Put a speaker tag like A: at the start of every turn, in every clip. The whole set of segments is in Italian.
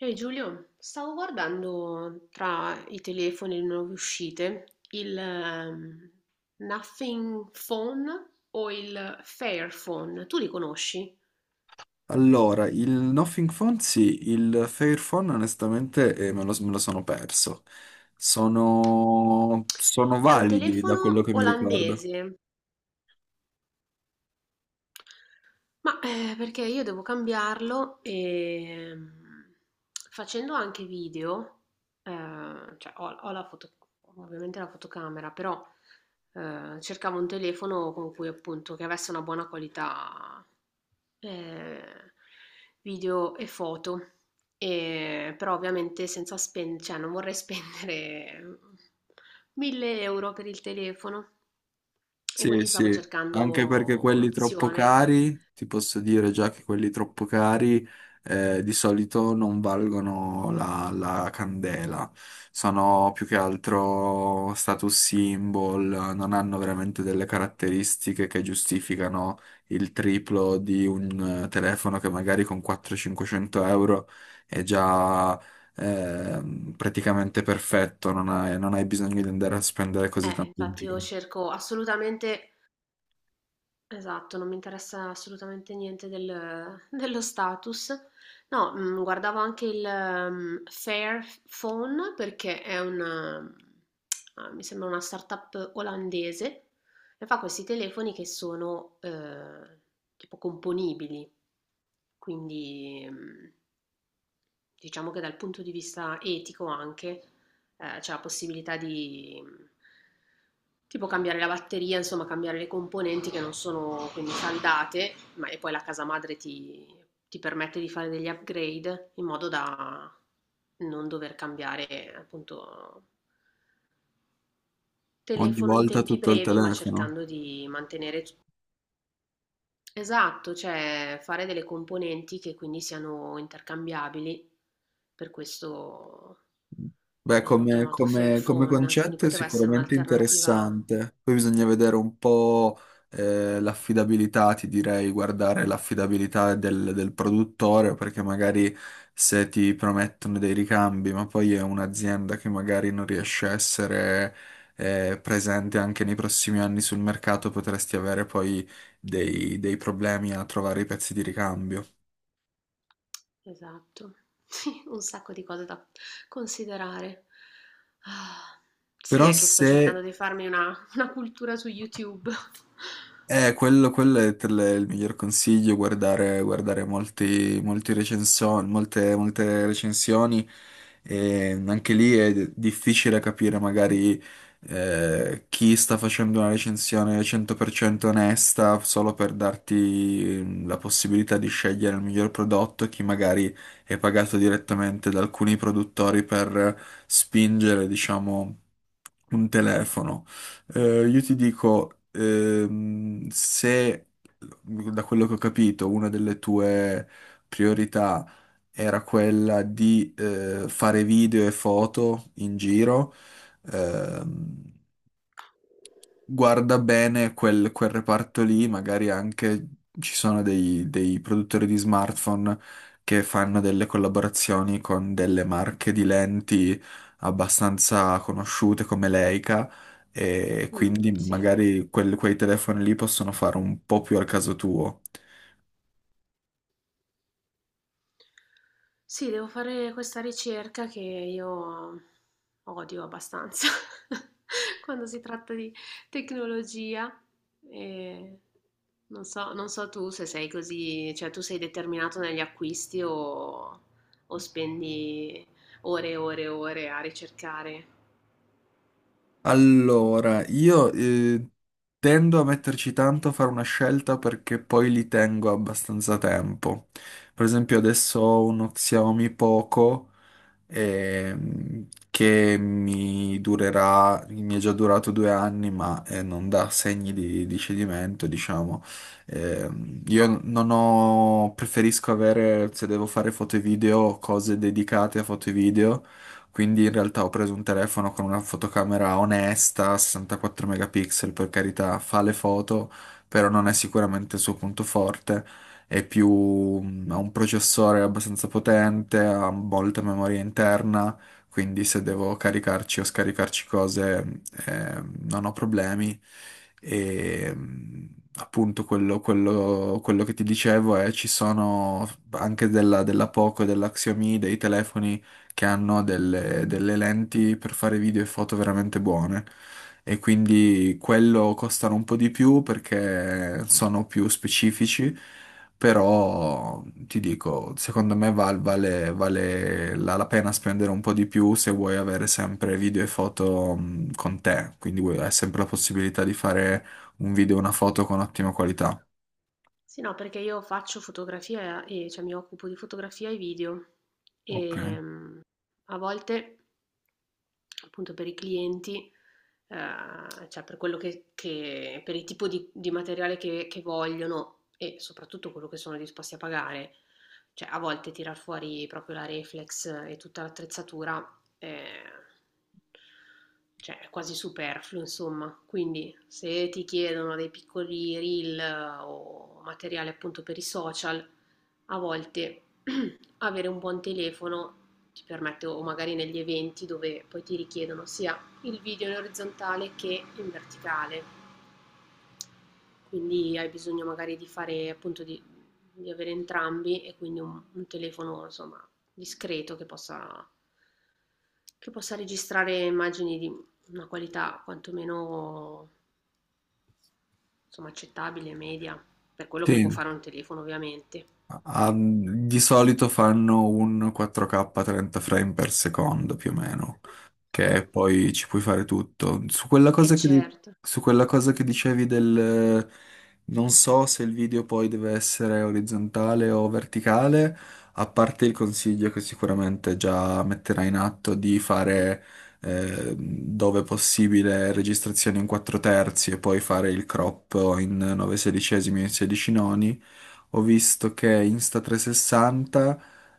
A: Ehi Giulio, stavo guardando tra i telefoni e le nuove uscite il Nothing Phone o il Fairphone, tu li conosci?
B: Allora, il Nothing Phone sì, il Fairphone onestamente me lo sono perso. Sono
A: È un
B: validi da quello
A: telefono
B: che mi ricordo.
A: olandese. Ma, perché io devo cambiarlo, facendo anche video, cioè ho la foto, ovviamente la fotocamera, però, cercavo un telefono con cui appunto che avesse una buona qualità, ehm, video e foto. E, però ovviamente senza spendere, cioè non vorrei spendere 1000 euro per il telefono. E
B: Sì,
A: quindi stavo
B: sì, anche perché
A: cercando
B: quelli troppo
A: un'opzione.
B: cari, ti posso dire già che quelli troppo cari di solito non valgono la candela, sono più che altro status symbol, non hanno veramente delle caratteristiche che giustificano il triplo di un telefono che magari con 400-500 euro è già praticamente perfetto, non hai bisogno di andare a spendere così tanto in
A: Infatti io
B: più.
A: cerco assolutamente esatto, non mi interessa assolutamente niente del dello status. No, mhmm, guardavo anche il Fairphone perché è una ah, mi sembra una startup olandese e fa questi telefoni che sono, tipo componibili. Quindi, mhmm. Diciamo che dal punto di vista etico anche, c'è la possibilità di mhmm, tipo cambiare la batteria, insomma cambiare le componenti che non sono quindi saldate, ma e poi la casa madre ti ti permette di fare degli upgrade in modo da non dover cambiare appunto
B: Ogni
A: telefono in
B: volta
A: tempi
B: tutto al
A: brevi, ma
B: telefono.
A: cercando di mantenere t. Esatto, cioè fare delle componenti che quindi siano intercambiabili, per questo
B: Beh,
A: l'hanno
B: come,
A: chiamato
B: come- come
A: Fairphone, quindi
B: concetto è
A: poteva essere
B: sicuramente
A: un'alternativa.
B: interessante. Poi bisogna vedere un po' l'affidabilità, ti direi, guardare l'affidabilità del produttore, perché magari se ti promettono dei ricambi, ma poi è un'azienda che magari non riesce a essere presente anche nei prossimi anni sul mercato, potresti avere poi dei problemi a trovare i pezzi di ricambio.
A: Esatto, sì, un sacco di cose da considerare. Ah, sì,
B: Però
A: è che sto
B: se
A: cercando di farmi una cultura su YouTube.
B: Quello, quello è per il miglior consiglio, guardare, molte recensioni, e anche lì è difficile capire magari chi sta facendo una recensione 100% onesta solo per darti la possibilità di scegliere il miglior prodotto, e chi magari è pagato direttamente da alcuni produttori per spingere, diciamo, un telefono. Io ti dico, se da quello che ho capito, una delle tue priorità era quella di fare video e foto in giro, ehm, guarda bene quel reparto lì, magari anche ci sono dei produttori di smartphone che fanno delle collaborazioni con delle marche di lenti abbastanza conosciute come Leica, e
A: Mm,
B: quindi
A: sì.
B: magari quei telefoni lì possono fare un po' più al caso tuo.
A: Sì, devo fare questa ricerca che io odio abbastanza quando si tratta di tecnologia e non so, non so tu se sei così, cioè tu sei determinato negli acquisti o spendi ore e ore e ore a ricercare.
B: Allora, io tendo a metterci tanto a fare una scelta perché poi li tengo abbastanza tempo. Per esempio, adesso ho uno Xiaomi Poco che mi è già durato 2 anni, ma non dà segni di cedimento, diciamo. Io non ho, preferisco avere, se devo fare foto e video, cose dedicate a foto e video. Quindi in realtà ho preso un telefono con una fotocamera onesta, 64 megapixel, per carità, fa le foto, però non è sicuramente il suo punto forte. È più, ha un processore abbastanza potente, ha molta memoria interna, quindi se devo caricarci o scaricarci cose, non ho problemi. E appunto quello che ti dicevo è, ci sono anche della Poco e della Xiaomi dei telefoni che hanno delle lenti per fare video e foto veramente buone. E quindi quello costano un po' di più perché sono più specifici, però ti dico, secondo me vale la pena spendere un po' di più se vuoi avere sempre video e foto con te, quindi hai sempre la possibilità di fare un video e una foto con ottima qualità.
A: Sì, no, perché io faccio fotografia e cioè mi occupo di fotografia e video
B: Ok.
A: e mm, a volte appunto per i clienti, cioè per quello che per il tipo di materiale che vogliono e soprattutto quello che sono disposti a pagare. Cioè a volte tirar fuori proprio la reflex e tutta l'attrezzatura, ehm, cioè è quasi superfluo insomma. Quindi se ti chiedono dei piccoli reel o materiale appunto per i social, a volte avere un buon telefono ti permette, o magari negli eventi dove poi ti richiedono sia il video in orizzontale che in verticale, quindi hai bisogno magari di fare appunto di avere entrambi e quindi un telefono insomma discreto che possa registrare immagini di una qualità quantomeno insomma accettabile, media, per quello che può
B: Sì,
A: fare un telefono ovviamente.
B: ah, di solito fanno un 4K 30 frame per secondo più o meno, che
A: Mm,
B: poi ci puoi fare tutto. Su quella
A: è
B: cosa che, di-
A: certo.
B: su quella cosa che dicevi del... Non so se il video poi deve essere orizzontale o verticale, a parte il consiglio che sicuramente già metterai in atto di fare, dove possibile, registrazioni in 4 terzi e poi fare il crop in 9 sedicesimi e 16 noni. Ho visto che Insta360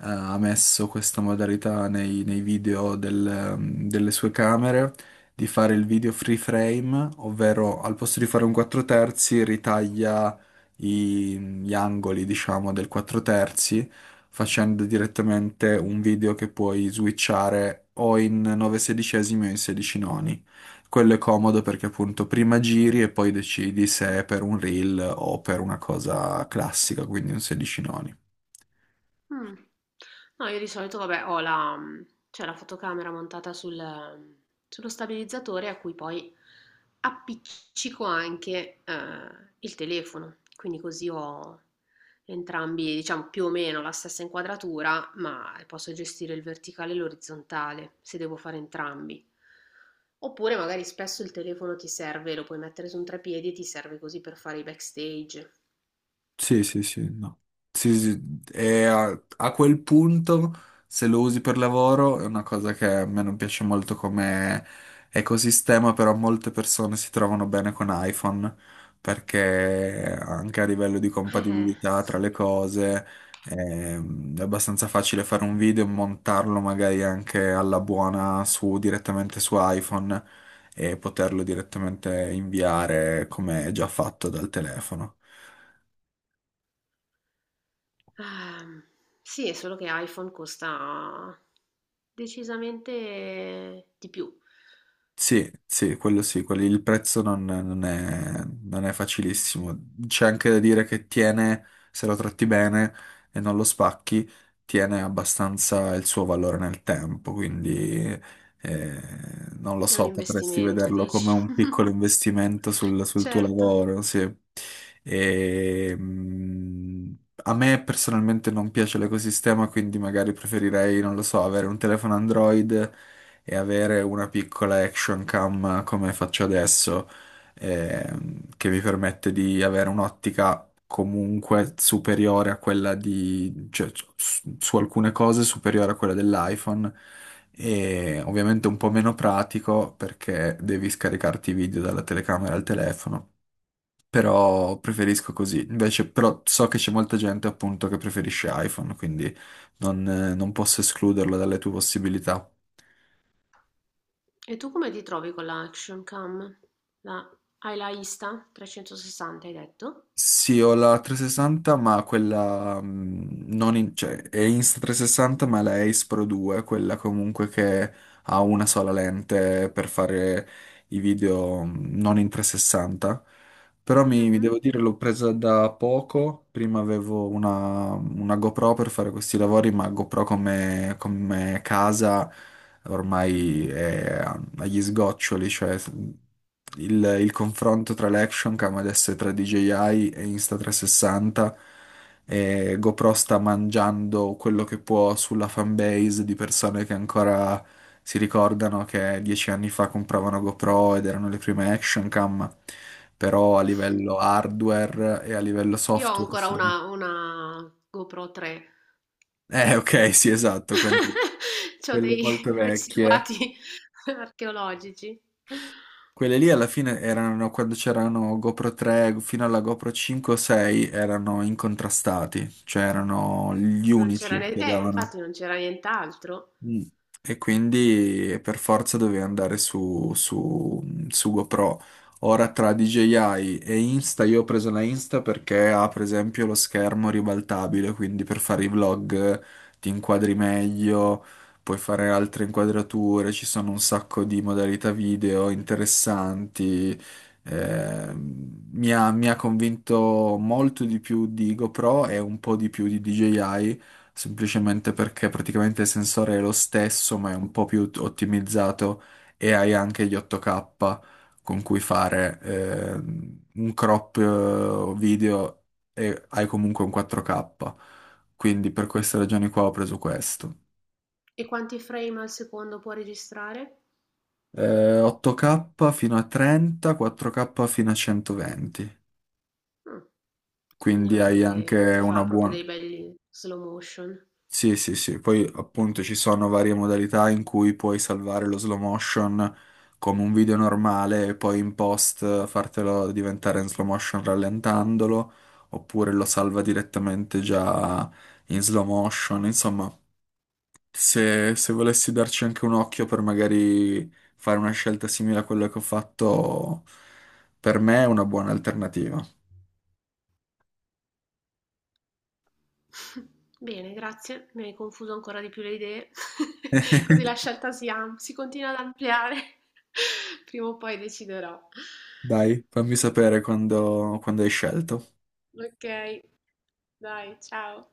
B: ha messo questa modalità nei video delle sue camere, di fare il video free frame, ovvero al posto di fare un 4 terzi ritaglia gli angoli, diciamo, del 4 terzi, facendo direttamente un video che puoi switchare o in 9 sedicesimi o in 16 noni. Quello è comodo perché appunto prima giri e poi decidi se è per un reel o per una cosa classica, quindi un 16 noni.
A: Mh. No, io di solito vabbè ho la mhmm, c'è la fotocamera montata sul mm, sullo stabilizzatore a cui poi appiccico anche, il telefono, quindi così ho entrambi, diciamo, più o meno la stessa inquadratura, ma posso gestire il verticale e l'orizzontale, se devo fare entrambi. Oppure magari spesso il telefono ti serve, lo puoi mettere su un treppiedi e ti serve così per fare i backstage.
B: Sì, sì, sì, no. Sì, sì, e a quel punto, se lo usi per lavoro, è una cosa che a me non piace molto come ecosistema, però molte persone si trovano bene con iPhone, perché anche a livello di compatibilità tra le
A: Sì.
B: cose, è abbastanza facile fare un video e montarlo magari anche alla buona su, direttamente su iPhone, e poterlo direttamente inviare come è già fatto dal telefono.
A: Ehm, sì, è solo che iPhone costa decisamente di più.
B: Sì, sì, quello sì, il prezzo non è facilissimo. C'è anche da dire che tiene, se lo tratti bene e non lo spacchi, tiene abbastanza il suo valore nel tempo, quindi eh, non lo
A: È un
B: so, potresti
A: investimento,
B: vederlo
A: dici?
B: come un piccolo investimento sul tuo
A: Certo.
B: lavoro, sì. E, a me personalmente non piace l'ecosistema, quindi magari preferirei, non lo so, avere un telefono Android e avere una piccola action cam come faccio adesso, che mi permette di avere un'ottica comunque superiore a quella di, cioè, su alcune cose superiore a quella dell'iPhone, e ovviamente un po' meno pratico perché devi scaricarti i video dalla telecamera al telefono. Però preferisco così. Invece, però so che c'è molta gente appunto che preferisce iPhone, quindi non non posso escluderlo dalle tue possibilità.
A: E tu come ti trovi con la Action Cam? La- hai la Insta 360, hai detto?
B: Sì, ho la 360, ma quella non cioè, è Insta360, ma è la Ace Pro 2, quella comunque che ha una sola lente per fare i video non in 360. Però mi devo
A: Mhm.
B: dire, l'ho presa da poco. Prima avevo una GoPro per fare questi lavori, ma GoPro come casa ormai è agli sgoccioli, cioè il confronto tra l'action cam adesso è tra DJI e Insta360, e GoPro sta mangiando quello che può sulla fanbase di persone che ancora si ricordano che 10 anni fa compravano GoPro ed erano le prime action cam, però a livello hardware e a livello
A: Io ho
B: software
A: ancora
B: sono...
A: una GoPro 3.
B: Ok, sì, esatto, quelle,
A: C'ho
B: quelle
A: dei
B: molto vecchie.
A: residuati archeologici.
B: Quelle lì alla fine erano, quando c'erano GoPro 3 fino alla GoPro 5 o 6, erano incontrastati, cioè erano gli
A: Non c'era
B: unici
A: ne-
B: che davano.
A: infatti non c'era nient'altro.
B: Mm. E quindi per forza dovevi andare su GoPro. Ora tra DJI e Insta, io ho preso la Insta perché ha per esempio lo schermo ribaltabile, quindi per fare i vlog ti inquadri meglio, puoi fare altre inquadrature, ci sono un sacco di modalità video interessanti. Mi ha convinto molto di più di GoPro e un po' di più di DJI, semplicemente perché praticamente il sensore è lo stesso, ma è un po' più ottimizzato, e hai anche gli 8K con cui fare un crop video, e hai comunque un 4K. Quindi per queste ragioni qua ho preso questo.
A: E quanti frame al secondo può registrare?
B: 8K fino a 30, 4K fino a 120.
A: Mh, quindi
B: Quindi hai
A: anche
B: anche
A: ti fa
B: una
A: proprio
B: buona...
A: dei belli slow motion.
B: Sì, sì, sì, poi appunto ci sono varie modalità in cui puoi salvare lo slow motion come un video normale e poi in post fartelo diventare in slow motion rallentandolo, oppure lo salva direttamente già in slow motion. Insomma, se volessi darci anche un occhio per magari fare una scelta simile a quella che ho fatto, per me è una buona alternativa.
A: Bene, grazie, mi hai confuso ancora di più le idee, così la scelta si am- si continua ad ampliare. Prima o poi deciderò.
B: Dai, fammi sapere quando hai scelto.
A: Ok, dai, ciao.